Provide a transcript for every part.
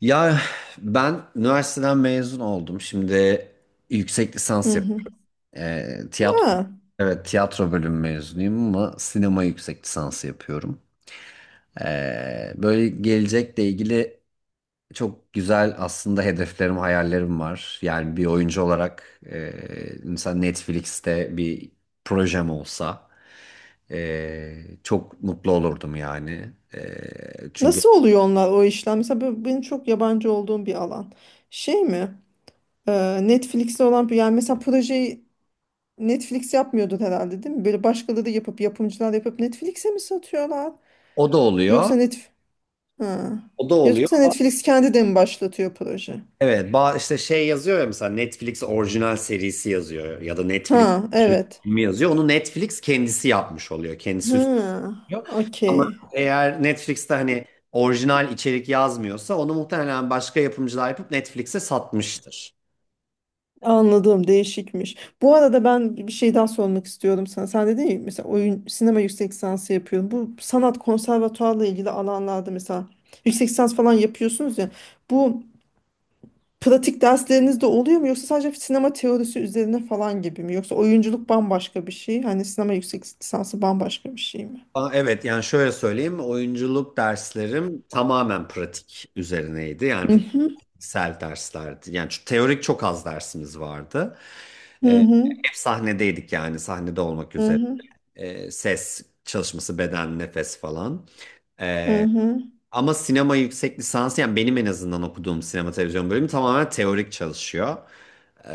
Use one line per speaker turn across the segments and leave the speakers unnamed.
Ya ben üniversiteden mezun oldum. Şimdi yüksek
Hı
lisans
hı.
yapıyorum. Ee, tiyatro
Ha,
evet tiyatro bölümü mezunuyum ama sinema yüksek lisansı yapıyorum. Böyle gelecekle ilgili çok güzel aslında hedeflerim, hayallerim var. Yani bir oyuncu olarak mesela Netflix'te bir projem olsa çok mutlu olurdum yani. Çünkü
nasıl oluyor onlar o işlem? Mesela benim çok yabancı olduğum bir alan. Şey mi? Netflix'te olan bir yani mesela projeyi Netflix yapmıyordu herhalde değil mi? Böyle başkaları yapıp yapımcılar yapıp Netflix'e mi satıyorlar?
o da oluyor.
Yoksa ha.
O da oluyor.
Yoksa Netflix kendi de mi başlatıyor proje?
Evet, işte şey yazıyor ya, mesela Netflix orijinal serisi yazıyor ya da Netflix
Ha,
orijinal
evet.
filmi yazıyor. Onu Netflix kendisi yapmış oluyor. Kendisi
Ha,
üstleniyor.
okey.
Ama eğer Netflix'te hani orijinal içerik yazmıyorsa onu muhtemelen başka yapımcılar yapıp Netflix'e satmıştır.
Anladım, değişikmiş. Bu arada ben bir şey daha sormak istiyordum sana. Sen dedin ya mesela oyun sinema yüksek lisansı yapıyorum. Bu sanat konservatuarla ilgili alanlarda mesela yüksek lisans falan yapıyorsunuz ya. Bu pratik dersleriniz de oluyor mu yoksa sadece sinema teorisi üzerine falan gibi mi? Yoksa oyunculuk bambaşka bir şey, hani sinema yüksek lisansı bambaşka bir şey mi?
Aa, evet, yani şöyle söyleyeyim, oyunculuk derslerim tamamen pratik üzerineydi. Yani
Hı hı
fikirsel derslerdi. Yani şu teorik çok az dersimiz vardı.
hı
Ee,
hı
Hep sahnedeydik yani, sahnede olmak üzere.
hı
Ses çalışması, beden, nefes falan.
hı
Ee,
hı.
Ama sinema yüksek lisansı, yani benim en azından okuduğum sinema televizyon bölümü tamamen teorik çalışıyor.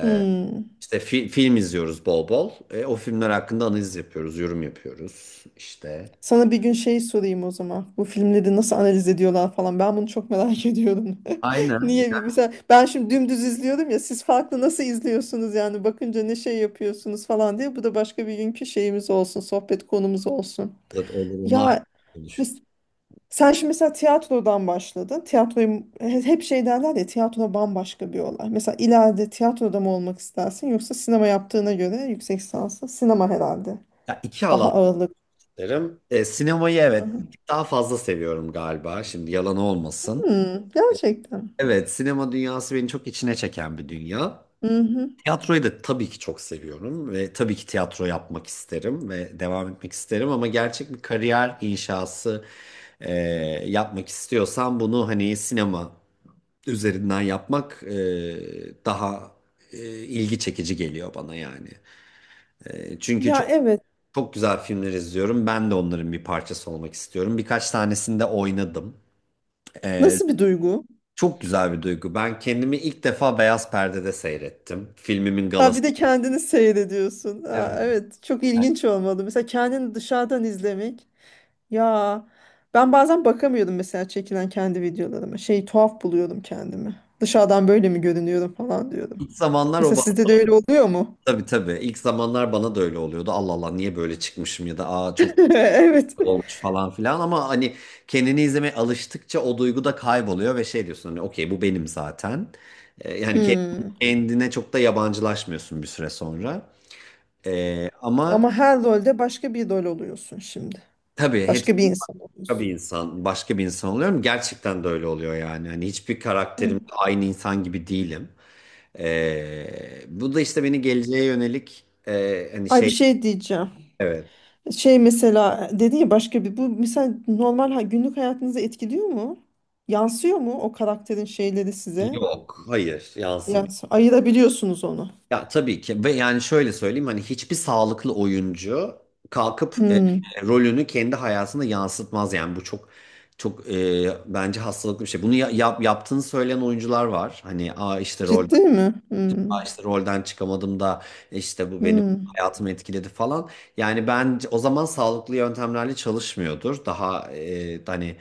Hı.
İşte film izliyoruz bol bol. O filmler hakkında analiz yapıyoruz, yorum yapıyoruz işte.
Sana bir gün şey sorayım o zaman. Bu filmleri nasıl analiz ediyorlar falan. Ben bunu çok merak ediyorum.
Aynen.
Niye bir mesela ben şimdi dümdüz izliyorum ya siz farklı nasıl izliyorsunuz yani bakınca ne şey yapıyorsunuz falan diye. Bu da başka bir günkü şeyimiz olsun, sohbet konumuz olsun.
Olur, olur, onu ayrı
Ya
konuşuruz.
mes- sen şimdi mesela tiyatrodan başladın. Tiyatroyu hep şey derler ya tiyatro bambaşka bir olay. Mesela ileride tiyatroda mı olmak istersin yoksa sinema yaptığına göre yüksek lisansı sinema herhalde.
Ya iki
Daha
alan
ağırlık.
derim. Sinemayı
Hı
evet,
hı.
bir tık daha fazla seviyorum galiba. Şimdi yalan olmasın.
Hmm, gerçekten.
Evet, sinema dünyası beni çok içine çeken bir dünya.
Hı hı.
Tiyatroyu da tabii ki çok seviyorum ve tabii ki tiyatro yapmak isterim ve devam etmek isterim, ama gerçek bir kariyer inşası e, yapmak istiyorsam bunu, hani, sinema üzerinden yapmak daha ilgi çekici geliyor bana yani. Çünkü
Ya,
çok
evet.
çok güzel filmler izliyorum. Ben de onların bir parçası olmak istiyorum. Birkaç tanesinde oynadım. E,
Nasıl bir duygu?
Çok güzel bir duygu. Ben kendimi ilk defa beyaz perdede seyrettim. Filmimin
Ha,
galası.
bir de kendini seyrediyorsun.
Evet.
Ha, evet. Çok
Yani,
ilginç olmalı. Mesela kendini dışarıdan izlemek. Ya, ben bazen bakamıyordum mesela çekilen kendi videolarıma. Şey, tuhaf buluyordum kendimi. Dışarıdan böyle mi görünüyorum falan diyordum.
İlk zamanlar o
Mesela
bana,
sizde de öyle oluyor mu?
tabii, tabii. İlk zamanlar bana da öyle oluyordu. Allah Allah, niye böyle çıkmışım ya da aa çok
Evet.
olmuş falan filan, ama hani, kendini izlemeye alıştıkça o duygu da kayboluyor ve şey diyorsun, hani, okey, bu benim zaten. Yani
Hmm.
kendine çok da yabancılaşmıyorsun bir süre sonra. Ama
Ama her rolde başka bir rol oluyorsun şimdi.
tabii hepsi
Başka bir insan
bir
oluyorsun.
insan, başka bir insan oluyorum. Gerçekten de öyle oluyor yani. Hani hiçbir
Hı.
karakterim aynı insan gibi değilim. Bu da işte beni geleceğe yönelik hani
Ay, bir
şey,
şey diyeceğim.
evet,
Şey mesela dedi ya başka bir bu mesela normal günlük hayatınızı etkiliyor mu? Yansıyor mu o karakterin şeyleri size?
yok, hayır, yansımıyor.
Yansıyor. Ayırabiliyorsunuz onu.
Ya tabii ki, ve yani şöyle söyleyeyim, hani hiçbir sağlıklı oyuncu kalkıp
Hmm.
rolünü kendi hayatında yansıtmaz yani, bu çok bence hastalıklı bir şey. Bunu yaptığını söyleyen oyuncular var. Hani, aa, işte
Ciddi mi? Hmm.
işte rolden çıkamadım da, işte bu benim
Hmm.
hayatımı etkiledi falan. Yani ben, o zaman sağlıklı yöntemlerle çalışmıyordur. Daha hani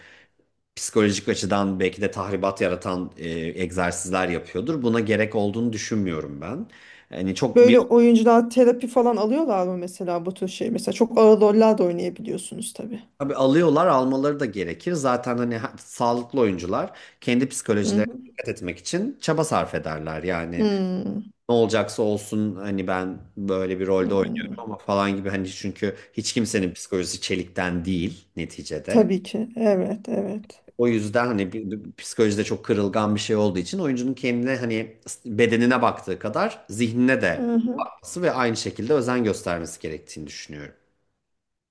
psikolojik açıdan belki de tahribat yaratan egzersizler yapıyordur. Buna gerek olduğunu düşünmüyorum ben. Yani çok bir,
Böyle oyuncular terapi falan alıyorlar mı mesela bu tür şey? Mesela çok ağır roller de oynayabiliyorsunuz tabii.
tabii alıyorlar, almaları da gerekir. Zaten hani sağlıklı oyuncular kendi
Hı
psikolojilerine
hı.
dikkat etmek için çaba sarf ederler. Yani
Hmm.
ne olacaksa olsun, hani ben böyle bir
Hı
rolde oynuyorum
hı.
ama falan gibi, hani çünkü hiç kimsenin psikolojisi çelikten değil neticede.
Tabii ki. Evet, evet.
O yüzden hani psikolojide çok kırılgan bir şey olduğu için oyuncunun kendine, hani bedenine baktığı kadar zihnine de bakması ve aynı şekilde özen göstermesi gerektiğini düşünüyorum.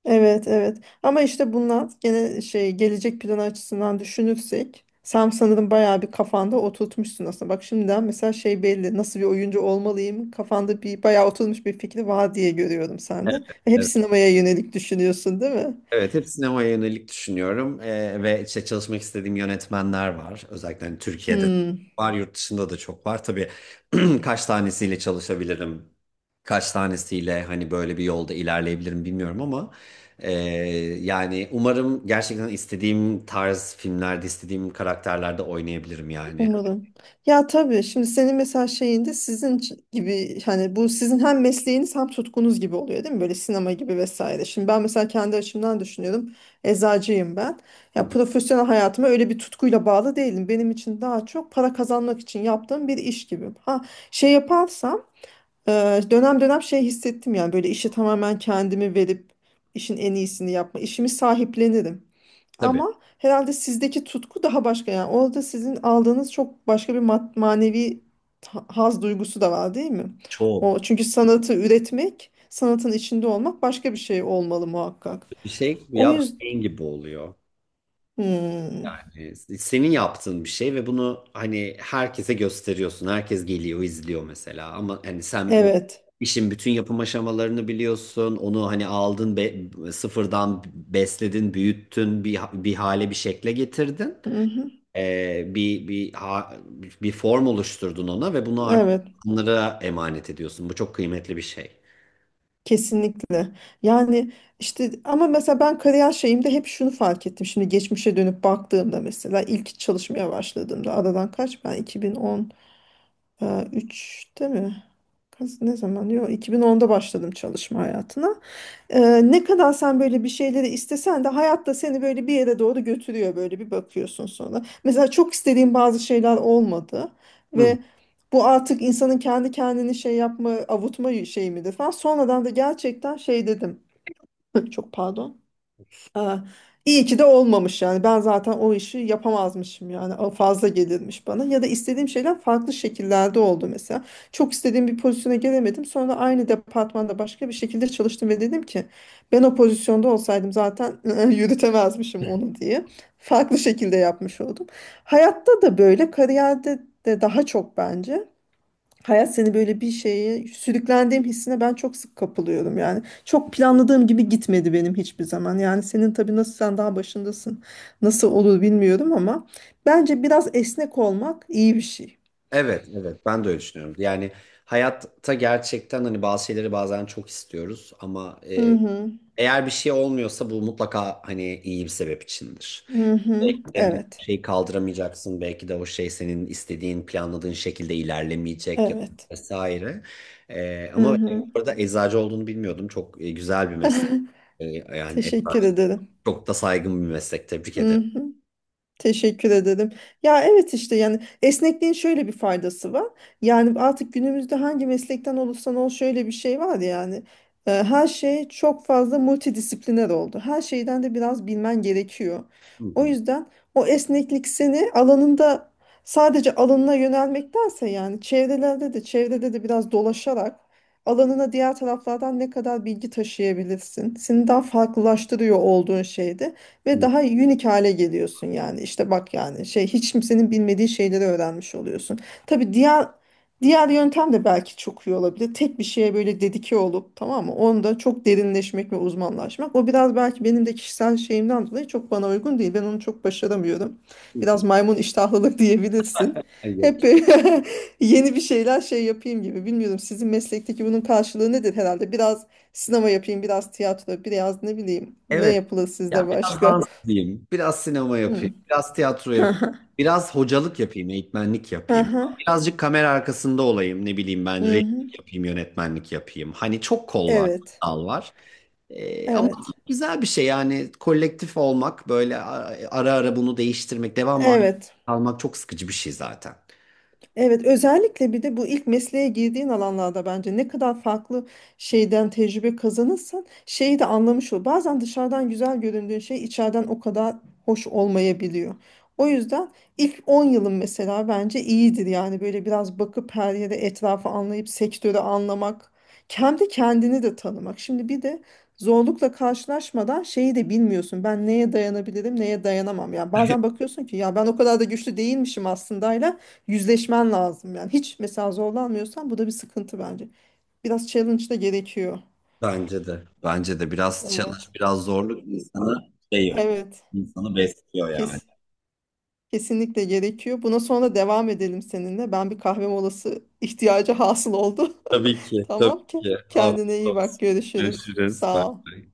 Evet, evet. Ama işte bunlar gene şey gelecek planı açısından düşünürsek sen sanırım bayağı bir kafanda oturtmuşsun aslında. Bak şimdiden mesela şey belli nasıl bir oyuncu olmalıyım kafanda bir bayağı oturmuş bir fikri var diye görüyorum sende. Ve hep sinemaya yönelik düşünüyorsun değil mi?
Evet, hep sinemaya yönelik düşünüyorum. Ve işte çalışmak istediğim yönetmenler var. Özellikle hani Türkiye'de
Hmm.
var, yurt dışında da çok var. Tabii, kaç tanesiyle çalışabilirim, kaç tanesiyle hani böyle bir yolda ilerleyebilirim bilmiyorum, ama e, yani umarım gerçekten istediğim tarz filmlerde, istediğim karakterlerde oynayabilirim yani.
Umarım. Ya tabii şimdi senin mesela şeyinde sizin gibi hani bu sizin hem mesleğiniz hem tutkunuz gibi oluyor değil mi? Böyle sinema gibi vesaire. Şimdi ben mesela kendi açımdan düşünüyorum. Eczacıyım ben.
Hı
Ya
hı.
profesyonel hayatıma öyle bir tutkuyla bağlı değilim. Benim için daha çok para kazanmak için yaptığım bir iş gibi. Ha şey yaparsam dönem dönem şey hissettim yani böyle işe tamamen kendimi verip işin en iyisini yapma. İşimi sahiplenirim.
Tabii,
Ama herhalde sizdeki tutku daha başka yani. Orada sizin aldığınız çok başka bir manevi haz duygusu da var değil mi? O
çok
çünkü sanatı üretmek, sanatın içinde olmak başka bir şey olmalı muhakkak.
bir şey
O
ya,
yüzden
beyin gibi oluyor. Yani senin yaptığın bir şey ve bunu hani herkese gösteriyorsun. Herkes geliyor, izliyor mesela. Ama hani sen o
evet.
işin bütün yapım aşamalarını biliyorsun. Onu hani aldın, sıfırdan besledin, büyüttün, bir hale, bir şekle getirdin.
Mhm.
Bir bir form oluşturdun ona ve bunu artık
Evet.
onlara emanet ediyorsun. Bu çok kıymetli bir şey.
Kesinlikle. Yani işte ama mesela ben kariyer şeyimde hep şunu fark ettim. Şimdi geçmişe dönüp baktığımda mesela ilk çalışmaya başladığımda aradan kaç ben 2010 Üçte mi? Ne zaman? Yok, 2010'da başladım çalışma hayatına. Ee, ne kadar sen böyle bir şeyleri istesen de hayatta seni böyle bir yere doğru götürüyor böyle bir bakıyorsun sonra. Mesela çok istediğim bazı şeyler olmadı
Hı.
ve bu artık insanın kendi kendini şey yapma, avutma şeyi midir falan. Sonradan da gerçekten şey dedim. Çok pardon. Aa, iyi ki de olmamış yani. Ben zaten o işi yapamazmışım yani. O fazla gelirmiş bana. Ya da istediğim şeyler farklı şekillerde oldu mesela. Çok istediğim bir pozisyona gelemedim. Sonra aynı departmanda başka bir şekilde çalıştım ve dedim ki ben o pozisyonda olsaydım zaten yürütemezmişim onu diye. Farklı şekilde yapmış oldum. Hayatta da böyle, kariyerde de daha çok bence. Hayat seni böyle bir şeye sürüklendiğim hissine ben çok sık kapılıyorum yani. Çok planladığım gibi gitmedi benim hiçbir zaman. Yani senin tabii nasıl sen daha başındasın. Nasıl olur bilmiyorum ama bence biraz esnek olmak iyi bir şey.
Evet, evet. Ben de öyle düşünüyorum. Yani hayatta gerçekten hani bazı şeyleri bazen çok istiyoruz, ama
Hı hı.
eğer bir şey olmuyorsa bu mutlaka hani iyi bir sebep içindir.
Hı hı.
Yani bir
Evet.
şeyi kaldıramayacaksın, belki de o şey senin istediğin, planladığın şekilde ilerlemeyecek ya da
Evet.
vesaire.
Hı
Ama
hı.
burada eczacı olduğunu bilmiyordum. Çok güzel bir meslek. Ee, Yani
Teşekkür
eczacı
ederim.
çok da saygın bir meslek. Tebrik
Hı
ederim.
hı. Teşekkür ederim. Ya evet işte yani esnekliğin şöyle bir faydası var. Yani artık günümüzde hangi meslekten olursan ol şöyle bir şey var yani. Her şey çok fazla multidisipliner oldu. Her şeyden de biraz bilmen gerekiyor.
Hı
O
hı,
yüzden o esneklik seni alanında sadece alanına yönelmektense yani çevrelerde çevrede de biraz dolaşarak alanına diğer taraflardan ne kadar bilgi taşıyabilirsin. Seni daha farklılaştırıyor olduğun şeyde
hı
ve
hı,
daha unique hale geliyorsun yani. İşte bak yani şey hiç kimsenin bilmediği şeyleri öğrenmiş oluyorsun. Tabii diğer yöntem de belki çok iyi olabilir. Tek bir şeye böyle dedike olup tamam mı? Onda çok derinleşmek ve uzmanlaşmak. O biraz belki benim de kişisel şeyimden dolayı çok bana uygun değil. Ben onu çok başaramıyorum.
hı
Biraz
hı.
maymun iştahlılık diyebilirsin.
Ay, yok.
Hep böyle yeni bir şeyler şey yapayım gibi. Bilmiyorum sizin meslekteki bunun karşılığı nedir herhalde? Biraz sinema yapayım, biraz tiyatro, biraz ne bileyim. Ne
Evet.
yapılır sizde
Ya biraz
başka?
dans edeyim, biraz sinema
Hmm.
yapayım, biraz tiyatro yapayım,
Hı.
biraz hocalık yapayım, eğitmenlik
Hı
yapayım.
hı.
Birazcık kamera arkasında olayım, ne bileyim, ben
Hı hı.
rejisörlük yapayım, yönetmenlik yapayım. Hani çok kol var,
Evet.
dal var. Ama
Evet.
güzel bir şey yani, kolektif olmak, böyle ara ara bunu değiştirmek, devamlı
Evet.
kalmak çok sıkıcı bir şey zaten.
Evet, özellikle bir de bu ilk mesleğe girdiğin alanlarda bence ne kadar farklı şeyden tecrübe kazanırsan şeyi de anlamış ol. Bazen dışarıdan güzel göründüğün şey içeriden o kadar hoş olmayabiliyor. O yüzden ilk 10 yılın mesela bence iyidir yani böyle biraz bakıp her yere etrafı anlayıp sektörü anlamak, kendi kendini de tanımak. Şimdi bir de zorlukla karşılaşmadan şeyi de bilmiyorsun. Ben neye dayanabilirim, neye dayanamam. Ya, bazen bakıyorsun ki ya ben o kadar da güçlü değilmişim aslında, yüzleşmen lazım yani. Hiç mesela zorlanmıyorsan bu da bir sıkıntı bence. Biraz challenge da gerekiyor.
Bence de. Bence de biraz challenge,
Evet.
biraz zorluk insanı şey,
Evet.
insanı besliyor yani.
Kes, kesinlikle gerekiyor. Buna sonra devam edelim seninle. Ben bir kahve molası ihtiyacı hasıl oldu.
Tabii ki, tabii
Tamam ki.
ki.
Kendine
Afiyet
iyi bak.
olsun.
Görüşürüz.
Görüşürüz.
Sağ ol.
Bye.